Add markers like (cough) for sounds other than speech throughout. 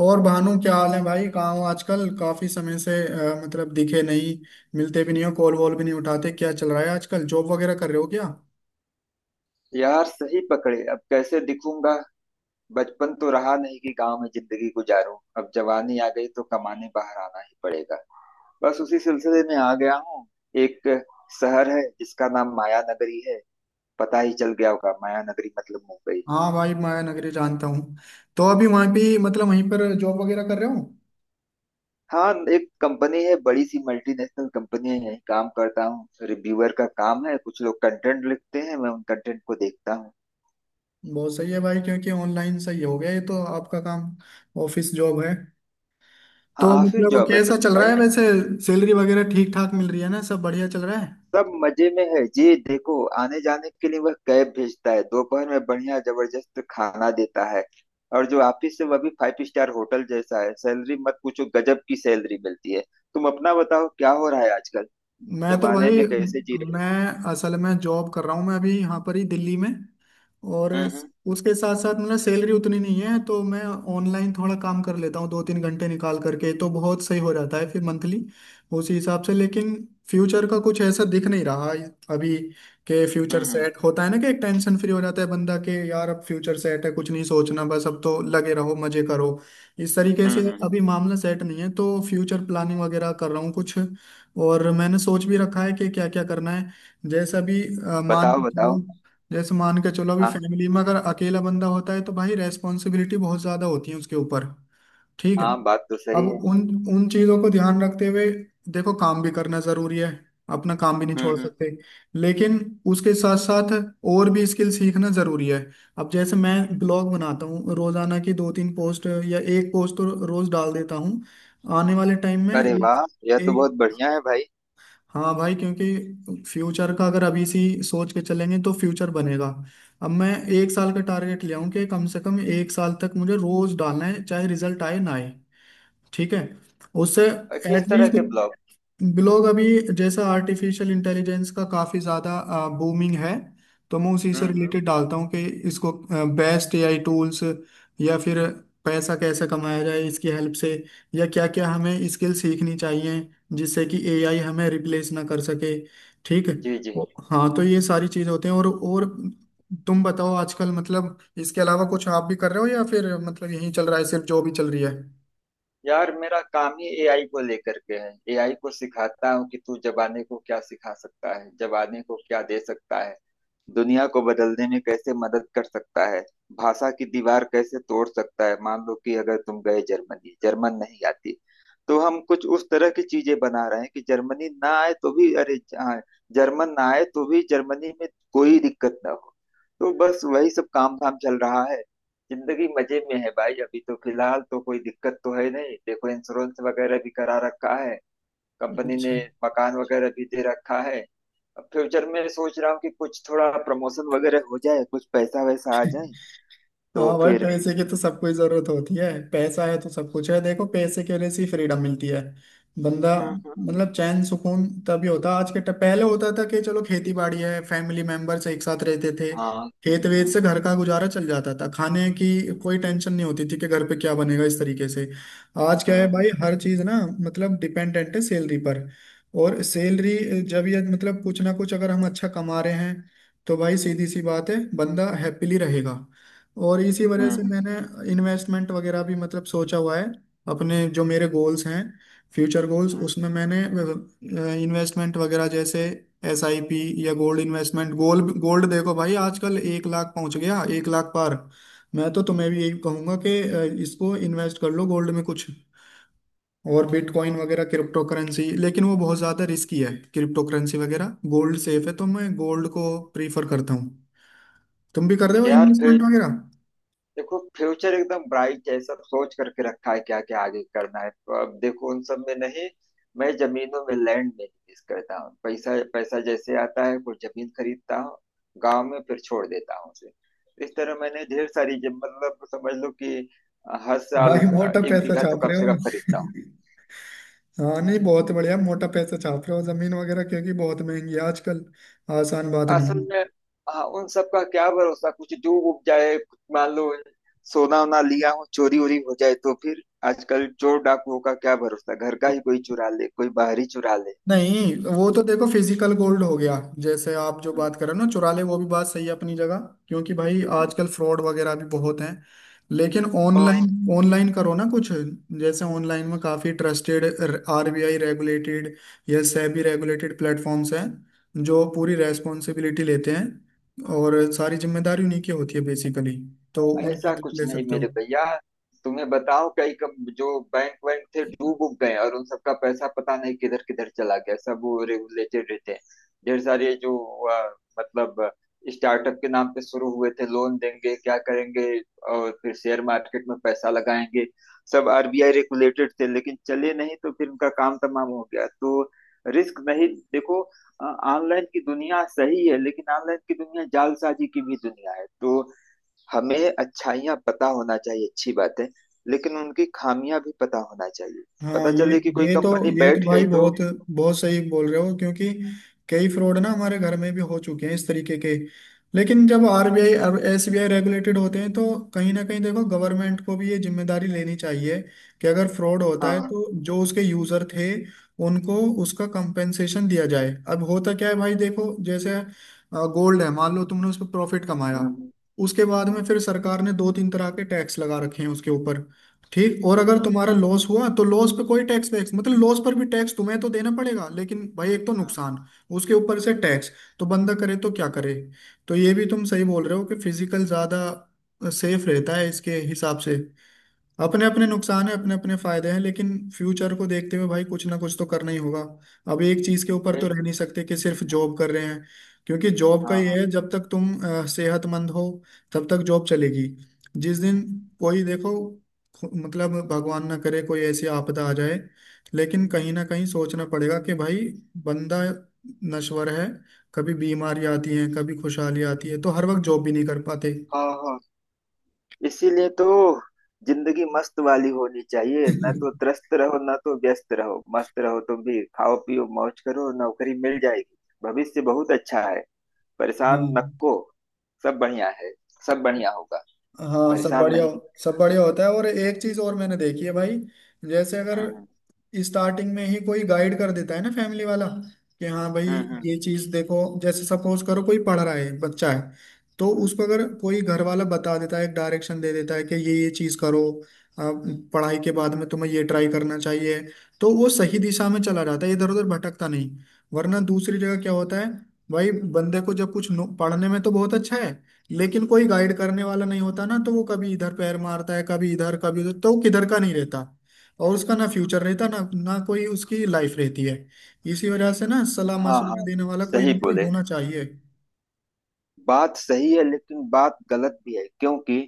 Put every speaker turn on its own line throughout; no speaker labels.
और भानु क्या हाल है भाई? कहाँ हो आजकल? काफी समय से दिखे नहीं, मिलते भी नहीं हो, कॉल वॉल भी नहीं उठाते। क्या चल रहा है आजकल? जॉब वगैरह कर रहे हो क्या?
यार, सही पकड़े, अब कैसे दिखूंगा। बचपन तो रहा नहीं कि गांव में जिंदगी गुजारूं। अब जवानी आ गई तो कमाने बाहर आना ही पड़ेगा। बस उसी सिलसिले में आ गया हूँ। एक शहर है जिसका नाम माया नगरी है। पता ही चल गया होगा, माया नगरी मतलब मुंबई।
हाँ भाई, माया नगरी जानता हूँ। तो अभी वहाँ भी वहीं पर जॉब वगैरह कर रहे हो?
हाँ, एक कंपनी है, बड़ी सी मल्टीनेशनल कंपनी है, यहीं काम करता हूँ। रिव्यूअर का काम है, कुछ लोग कंटेंट लिखते हैं, मैं उन कंटेंट को देखता हूँ।
बहुत सही है भाई, क्योंकि ऑनलाइन सही हो गया ये तो आपका काम। ऑफिस जॉब है?
हाँ,
तो
ऑफिस जॉब है।
कैसा चल रहा
भाई,
है वैसे? सैलरी वगैरह ठीक ठाक मिल रही है ना? सब बढ़िया चल रहा है?
सब मजे में है जी। देखो, आने जाने के लिए वह कैब भेजता है, दोपहर में बढ़िया जबरदस्त खाना देता है। और जो ऑफिस है वह भी फाइव स्टार होटल जैसा है। सैलरी मत पूछो, गजब की सैलरी मिलती है। तुम अपना बताओ, क्या हो रहा है आजकल,
मैं तो
जमाने
भाई,
में कैसे जी रहे
मैं
हो।
असल में जॉब कर रहा हूँ, मैं अभी यहाँ पर ही दिल्ली में। और
हम्म।
उसके साथ साथ सैलरी उतनी नहीं है तो मैं ऑनलाइन थोड़ा काम कर लेता हूँ, दो तीन घंटे निकाल करके, तो बहुत सही हो जाता है फिर मंथली उसी हिसाब से। लेकिन फ्यूचर का कुछ ऐसा दिख नहीं रहा अभी। के फ्यूचर
हम्म
सेट होता है ना कि एक टेंशन फ्री हो जाता है बंदा, के यार अब फ्यूचर सेट है, कुछ नहीं सोचना, बस अब तो लगे रहो मजे करो। इस तरीके
हम्म।
से
हम्म।
अभी मामला सेट नहीं है, तो फ्यूचर प्लानिंग वगैरह कर रहा हूँ कुछ। और मैंने सोच भी रखा है कि क्या क्या करना है। जैसे अभी मान
बताओ
के
बताओ।
चलो, जैसे मान के चलो अभी
हाँ
फैमिली में अगर अकेला बंदा होता है तो भाई रेस्पॉन्सिबिलिटी बहुत ज्यादा होती है उसके ऊपर। ठीक है।
हाँ, बात तो
अब
सही है।
उन उन चीजों को ध्यान रखते हुए, देखो काम भी करना जरूरी है, अपना काम भी नहीं छोड़
हम्म।
सकते, लेकिन उसके साथ साथ और भी स्किल सीखना जरूरी है। अब जैसे मैं ब्लॉग बनाता हूँ, रोजाना की दो तीन पोस्ट या एक पोस्ट तो रोज डाल देता हूँ। आने वाले टाइम में
अरे
एक
वाह, यह तो बहुत
एक
बढ़िया है भाई।
हाँ भाई, क्योंकि फ्यूचर का अगर अभी से ही सोच के चलेंगे तो फ्यूचर बनेगा। अब मैं एक साल का टारगेट ले आऊं कि कम से कम एक साल तक मुझे रोज डालना है, चाहे रिजल्ट आए ना आए। ठीक है? उससे
किस तरह
एटलीस्ट
के ब्लॉग?
ब्लॉग अभी, जैसा आर्टिफिशियल इंटेलिजेंस का काफ़ी ज़्यादा बूमिंग है, तो मैं उसी से
हम्म, हम्म।
रिलेटेड डालता हूँ कि इसको बेस्ट एआई टूल्स, या फिर पैसा कैसे कमाया जाए इसकी हेल्प से, या क्या क्या हमें स्किल सीखनी चाहिए जिससे कि एआई हमें रिप्लेस ना कर सके।
जी जी।
हाँ तो ये सारी चीज़ होते हैं। और तुम बताओ आजकल, इसके अलावा कुछ आप भी कर रहे हो या फिर यही चल रहा है सिर्फ जो भी चल रही है।
यार, मेरा काम ही एआई को लेकर के है। एआई को सिखाता हूँ कि तू जबाने को क्या सिखा सकता है, जबाने को क्या दे सकता है, दुनिया को बदलने में कैसे मदद कर सकता है, भाषा की दीवार कैसे तोड़ सकता है। मान लो कि अगर तुम गए जर्मनी, जर्मन नहीं आती, तो हम कुछ उस तरह की चीजें बना रहे हैं कि जर्मनी ना आए तो भी हाँ, जर्मन ना आए तो भी जर्मनी में कोई दिक्कत ना हो। तो बस वही सब काम धाम चल रहा है। जिंदगी मजे में है भाई, अभी तो फिलहाल तो कोई दिक्कत तो है नहीं। देखो, इंश्योरेंस वगैरह भी करा रखा है कंपनी
अच्छा।
ने, मकान वगैरह भी दे रखा है। अब फ्यूचर में सोच रहा हूँ कि कुछ थोड़ा प्रमोशन वगैरह हो जाए, कुछ पैसा वैसा आ
(laughs)
जाए, तो
हाँ भाई,
फिर।
पैसे की तो सबको ही जरूरत होती है। पैसा है तो सब कुछ है। देखो पैसे के वजह से फ्रीडम मिलती है बंदा
हम्म।
चैन सुकून तभी होता। आज के पहले होता था कि चलो खेती बाड़ी है, फैमिली मेंबर्स एक साथ रहते थे,
हाँ।
खेत वेत से
हम्म।
घर का गुजारा चल जाता था, खाने की कोई टेंशन नहीं होती थी कि घर पे क्या बनेगा इस तरीके से। आज क्या है
हम्म।
भाई, हर चीज ना डिपेंडेंट है सैलरी पर। और सैलरी जब ये कुछ ना कुछ अगर हम अच्छा कमा रहे हैं तो भाई सीधी सी बात है, बंदा हैप्पीली रहेगा। और इसी वजह से
हम्म,
मैंने इन्वेस्टमेंट वगैरह भी सोचा हुआ है। अपने जो मेरे गोल्स हैं, फ्यूचर गोल्स,
हम्म।
उसमें मैंने इन्वेस्टमेंट वगैरह जैसे एस आई पी या गोल्ड इन्वेस्टमेंट। गोल्ड गोल्ड देखो भाई, आजकल एक लाख पहुंच गया, एक लाख पार। मैं तो तुम्हें भी यही कहूंगा कि इसको इन्वेस्ट कर लो गोल्ड में कुछ। और बिटकॉइन वगैरह, क्रिप्टो करेंसी, लेकिन वो बहुत ज़्यादा रिस्की है क्रिप्टो करेंसी वगैरह। गोल्ड सेफ है, तो मैं गोल्ड को प्रीफर करता हूँ। तुम भी कर रहे हो
यार,
इन्वेस्टमेंट वगैरह?
देखो, फ्यूचर एकदम ब्राइट है, सब सोच करके रखा है क्या क्या आगे करना है। तो अब देखो उन सब में नहीं, मैं जमीनों में, लैंड में निवेश करता हूँ। पैसा पैसा जैसे आता है कुछ जमीन खरीदता हूँ गांव में, फिर छोड़ देता हूँ उसे। तो इस तरह मैंने ढेर सारी मतलब समझ लो कि हर साल
भाई मोटा
एक
पैसा
बीघा तो
छाप
कम
रहे
से
हो।
कम खरीदता।
(laughs) हाँ नहीं, बहुत बढ़िया, मोटा पैसा छाप रहे हो। जमीन वगैरह, क्योंकि बहुत महंगी है आजकल, आसान बात नहीं
असल
है।
में। हाँ, उन सब का क्या भरोसा, कुछ डूब उब जाए, कुछ मान लो सोना वोना लिया हो, चोरी वोरी हो जाए तो फिर। आजकल चोर डाकुओं का क्या भरोसा, घर का ही कोई चुरा ले, कोई बाहरी चुरा ले।
नहीं, वो तो देखो फिजिकल गोल्ड हो गया। जैसे आप जो
हम्म,
बात कर रहे हो ना, चुरा ले, वो भी बात सही है अपनी जगह, क्योंकि भाई
हम्म।
आजकल फ्रॉड वगैरह भी बहुत हैं। लेकिन
हाँ,
ऑनलाइन, ऑनलाइन करो ना कुछ। जैसे ऑनलाइन में काफी ट्रस्टेड आरबीआई रेगुलेटेड या सेबी रेगुलेटेड प्लेटफॉर्म्स हैं, जो पूरी रेस्पॉन्सिबिलिटी लेते हैं और सारी जिम्मेदारी उन्हीं की होती है बेसिकली। तो उनकी
ऐसा
हेल्प
कुछ
ले
नहीं
सकते हो।
मेरे भैया। तुम्हें बताओ, कई कम जो बैंक वैंक थे डूब उब गए, और उन सबका पैसा पता नहीं किधर किधर चला गया, सब वो रेगुलेटेड रहते हैं। ढेर सारे जो मतलब स्टार्टअप के नाम पे शुरू हुए थे, लोन देंगे क्या करेंगे और फिर शेयर मार्केट में पैसा लगाएंगे, सब आरबीआई रेगुलेटेड थे, लेकिन चले नहीं, तो फिर उनका काम तमाम हो गया। तो रिस्क नहीं। देखो, ऑनलाइन की दुनिया सही है, लेकिन ऑनलाइन की दुनिया जालसाजी की भी दुनिया है। तो हमें अच्छाइयाँ पता होना चाहिए, अच्छी बात है, लेकिन उनकी खामियां भी पता होना चाहिए।
हाँ
पता
ये
चले कि कोई
ये तो
कंपनी
ये तो
बैठ गई
भाई
तो।
बहुत बहुत सही बोल रहे हो, क्योंकि कई फ्रॉड ना हमारे घर में भी हो चुके हैं इस तरीके के। लेकिन जब आरबीआई और एसबीआई रेगुलेटेड होते हैं तो कहीं ना कहीं देखो गवर्नमेंट को भी ये जिम्मेदारी लेनी चाहिए कि अगर फ्रॉड होता
हाँ
है
हाँ।
तो जो उसके यूजर थे उनको उसका कंपेंसेशन दिया जाए। अब होता क्या है भाई, देखो जैसे गोल्ड है, मान लो तुमने उस पर प्रॉफिट कमाया,
हम्म,
उसके बाद में
हम्म,
फिर सरकार ने दो तीन तरह के टैक्स लगा रखे हैं उसके ऊपर। ठीक। और अगर
हम्म,
तुम्हारा लॉस हुआ तो लॉस पे कोई टैक्स वैक्स लॉस पर भी टैक्स तुम्हें तो देना पड़ेगा, लेकिन भाई एक तो
हम्म,
नुकसान, उसके ऊपर से टैक्स, तो बंदा करे तो
हम्म।
क्या करे। तो ये भी तुम सही बोल रहे हो कि फिजिकल ज्यादा सेफ रहता है इसके हिसाब से। अपने अपने नुकसान है, अपने अपने फायदे हैं, लेकिन फ्यूचर को देखते हुए भाई कुछ ना कुछ तो करना ही होगा। अब एक चीज के ऊपर तो
बैठ-
रह नहीं सकते कि सिर्फ जॉब कर रहे हैं, क्योंकि जॉब का
हाँ
ये
हाँ।
है जब तक तुम सेहतमंद हो तब तक जॉब चलेगी। जिस दिन कोई देखो खु- मतलब भगवान ना करे कोई ऐसी आपदा आ जाए, लेकिन कहीं ना कहीं सोचना पड़ेगा कि भाई बंदा नश्वर है। कभी बीमारी आती है, कभी खुशहाली आती है, तो हर वक्त जॉब भी नहीं कर पाते।
हाँ हाँ। इसीलिए तो जिंदगी मस्त वाली होनी चाहिए। ना तो
(laughs)
त्रस्त रहो, ना तो व्यस्त रहो, मस्त रहो। तुम भी खाओ पियो मौज करो, नौकरी मिल जाएगी। भविष्य बहुत अच्छा है। परेशान मत
हाँ।
को। सब बढ़िया है। सब बढ़िया होगा।
हाँ सब
परेशान
बढ़िया।
नहीं।
सब बढ़िया होता है। और एक चीज और मैंने देखी है भाई, जैसे अगर
हम्म
स्टार्टिंग में ही कोई गाइड कर देता है ना फैमिली वाला कि हाँ भाई
हम्म।
ये चीज देखो। जैसे सपोज करो कोई पढ़ रहा है, बच्चा है, तो उसको अगर
हम्म।
कोई घर वाला बता देता है, एक डायरेक्शन दे देता है कि ये चीज करो आप, पढ़ाई के बाद में तुम्हें ये ट्राई करना चाहिए, तो वो सही दिशा में चला जाता है, इधर उधर भटकता नहीं। वरना दूसरी जगह क्या होता है भाई, बंदे को जब कुछ पढ़ने में तो बहुत अच्छा है लेकिन कोई गाइड करने वाला नहीं होता ना, तो वो कभी इधर पैर मारता है, कभी इधर, कभी उधर, तो वो किधर का नहीं रहता। और उसका ना फ्यूचर रहता ना ना कोई उसकी लाइफ रहती है। इसी वजह से ना सलाह
हाँ
मशवरा
हाँ,
देने वाला कोई ना
सही
कोई
बोले।
होना चाहिए।
बात सही है लेकिन बात गलत भी है, क्योंकि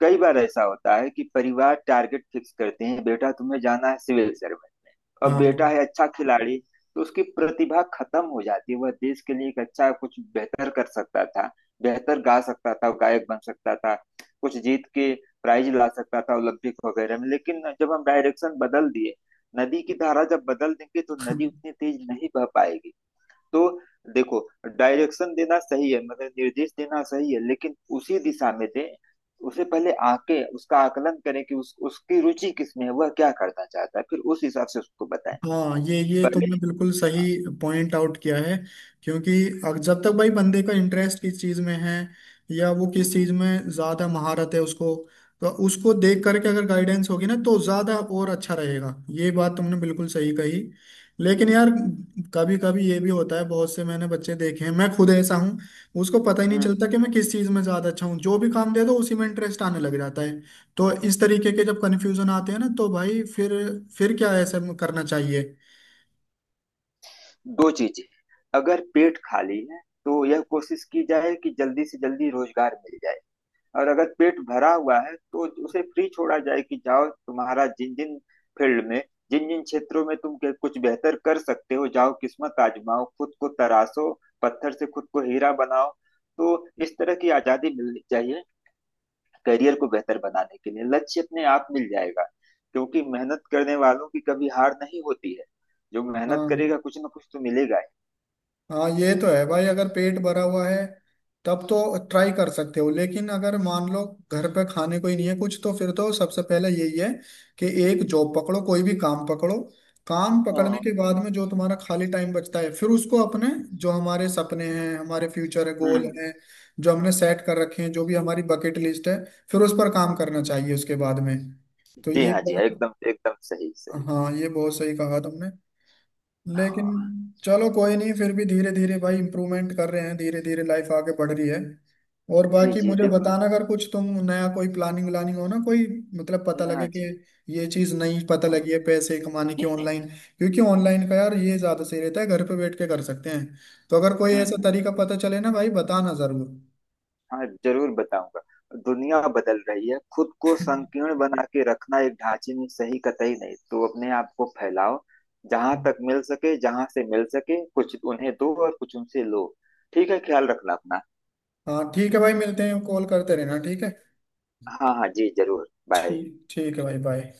कई बार ऐसा होता है कि परिवार टारगेट फिक्स करते हैं, बेटा तुम्हें जाना है सिविल सर्विस, और
हाँ।
बेटा है अच्छा खिलाड़ी। तो उसकी प्रतिभा खत्म हो जाती है। वह देश के लिए एक अच्छा कुछ बेहतर कर सकता था, बेहतर गा सकता था, गायक बन सकता था, कुछ जीत के प्राइज ला सकता था ओलंपिक वगैरह में, लेकिन जब हम डायरेक्शन बदल दिए। नदी की धारा जब बदल देंगे तो नदी
(laughs)
उतनी तेज नहीं बह पाएगी। तो देखो, डायरेक्शन देना सही है, मतलब निर्देश देना सही है, लेकिन उसी दिशा में दे। उसे पहले आके उसका आकलन करें कि उसकी रुचि किस में है, वह क्या करना चाहता है, फिर उस हिसाब से उसको बताएं।
हाँ ये
पहले।
तुमने बिल्कुल सही पॉइंट आउट किया है, क्योंकि जब तक भाई बंदे का इंटरेस्ट किस चीज़ में है या वो किस
हम्म,
चीज़ में ज़्यादा महारत है उसको, तो उसको देख करके अगर गाइडेंस होगी ना तो ज़्यादा और अच्छा रहेगा। ये बात तुमने बिल्कुल सही कही। लेकिन यार कभी कभी ये भी होता है, बहुत से मैंने बच्चे देखे हैं, मैं खुद ऐसा हूँ, उसको पता ही नहीं
हम्म।
चलता कि मैं किस चीज़ में ज़्यादा अच्छा हूँ। जो भी काम दे दो उसी में इंटरेस्ट आने लग जाता है। तो इस तरीके के जब कन्फ्यूजन आते हैं ना तो भाई फिर क्या ऐसा करना चाहिए?
दो चीजें। अगर पेट खाली है, तो यह कोशिश की जाए कि जल्दी से जल्दी रोजगार मिल जाए। और अगर पेट भरा हुआ है तो उसे फ्री छोड़ा जाए कि जाओ, तुम्हारा जिन जिन फील्ड में, जिन जिन क्षेत्रों में तुम कुछ बेहतर कर सकते हो, जाओ, किस्मत आजमाओ, खुद को तराशो, पत्थर से खुद को हीरा बनाओ। तो इस तरह की आजादी मिलनी चाहिए। करियर को बेहतर बनाने के लिए लक्ष्य अपने आप मिल जाएगा। क्योंकि मेहनत करने वालों की कभी हार नहीं होती है। जो मेहनत
हाँ
करेगा कुछ ना कुछ तो मिलेगा ही।
हाँ, ये तो है भाई, अगर पेट भरा हुआ है तब तो ट्राई कर सकते हो, लेकिन अगर मान लो घर पे खाने को ही नहीं है कुछ, तो फिर तो सबसे पहले यही है कि एक जॉब पकड़ो, कोई भी काम पकड़ो। काम पकड़ने
हाँ।
के बाद में जो तुम्हारा खाली टाइम बचता है, फिर उसको अपने जो हमारे सपने हैं, हमारे फ्यूचर है, गोल
हम्म।
हैं, जो हमने सेट कर रखे हैं, जो भी हमारी बकेट लिस्ट है, फिर उस पर काम करना चाहिए उसके बाद में। तो
जी
ये
हाँ जी हाँ,
बात,
एकदम एकदम सही सही।
हाँ, ये बहुत सही कहा तुमने। लेकिन
हाँ।
चलो कोई नहीं, फिर भी धीरे धीरे भाई इम्प्रूवमेंट कर रहे हैं, धीरे धीरे लाइफ आगे बढ़ रही है। और
जी
बाकी
जी
मुझे
देखो।
बताना अगर कुछ तुम नया कोई प्लानिंग व्लानिंग हो ना कोई,
जी
पता
हाँ
लगे कि
जी
ये चीज नहीं पता
हाँ।
लगी है पैसे कमाने की
ये-
ऑनलाइन, क्योंकि ऑनलाइन का यार ये ज्यादा सही रहता है, घर पे बैठ के कर सकते हैं। तो अगर कोई ऐसा
हम्म।
तरीका पता चले ना भाई बताना जरूर।
हाँ, जरूर बताऊंगा। दुनिया बदल रही है। खुद को संकीर्ण बना के रखना एक ढांचे में सही कतई नहीं। तो अपने आप को फैलाओ, जहां तक मिल सके, जहां से मिल सके, कुछ उन्हें दो और कुछ उनसे लो। ठीक है, ख्याल रखना अपना।
हाँ ठीक है भाई, मिलते हैं, कॉल करते रहना, ठीक है?
हाँ हाँ जी, जरूर, बाय।
ठीक ठीक है भाई, बाय।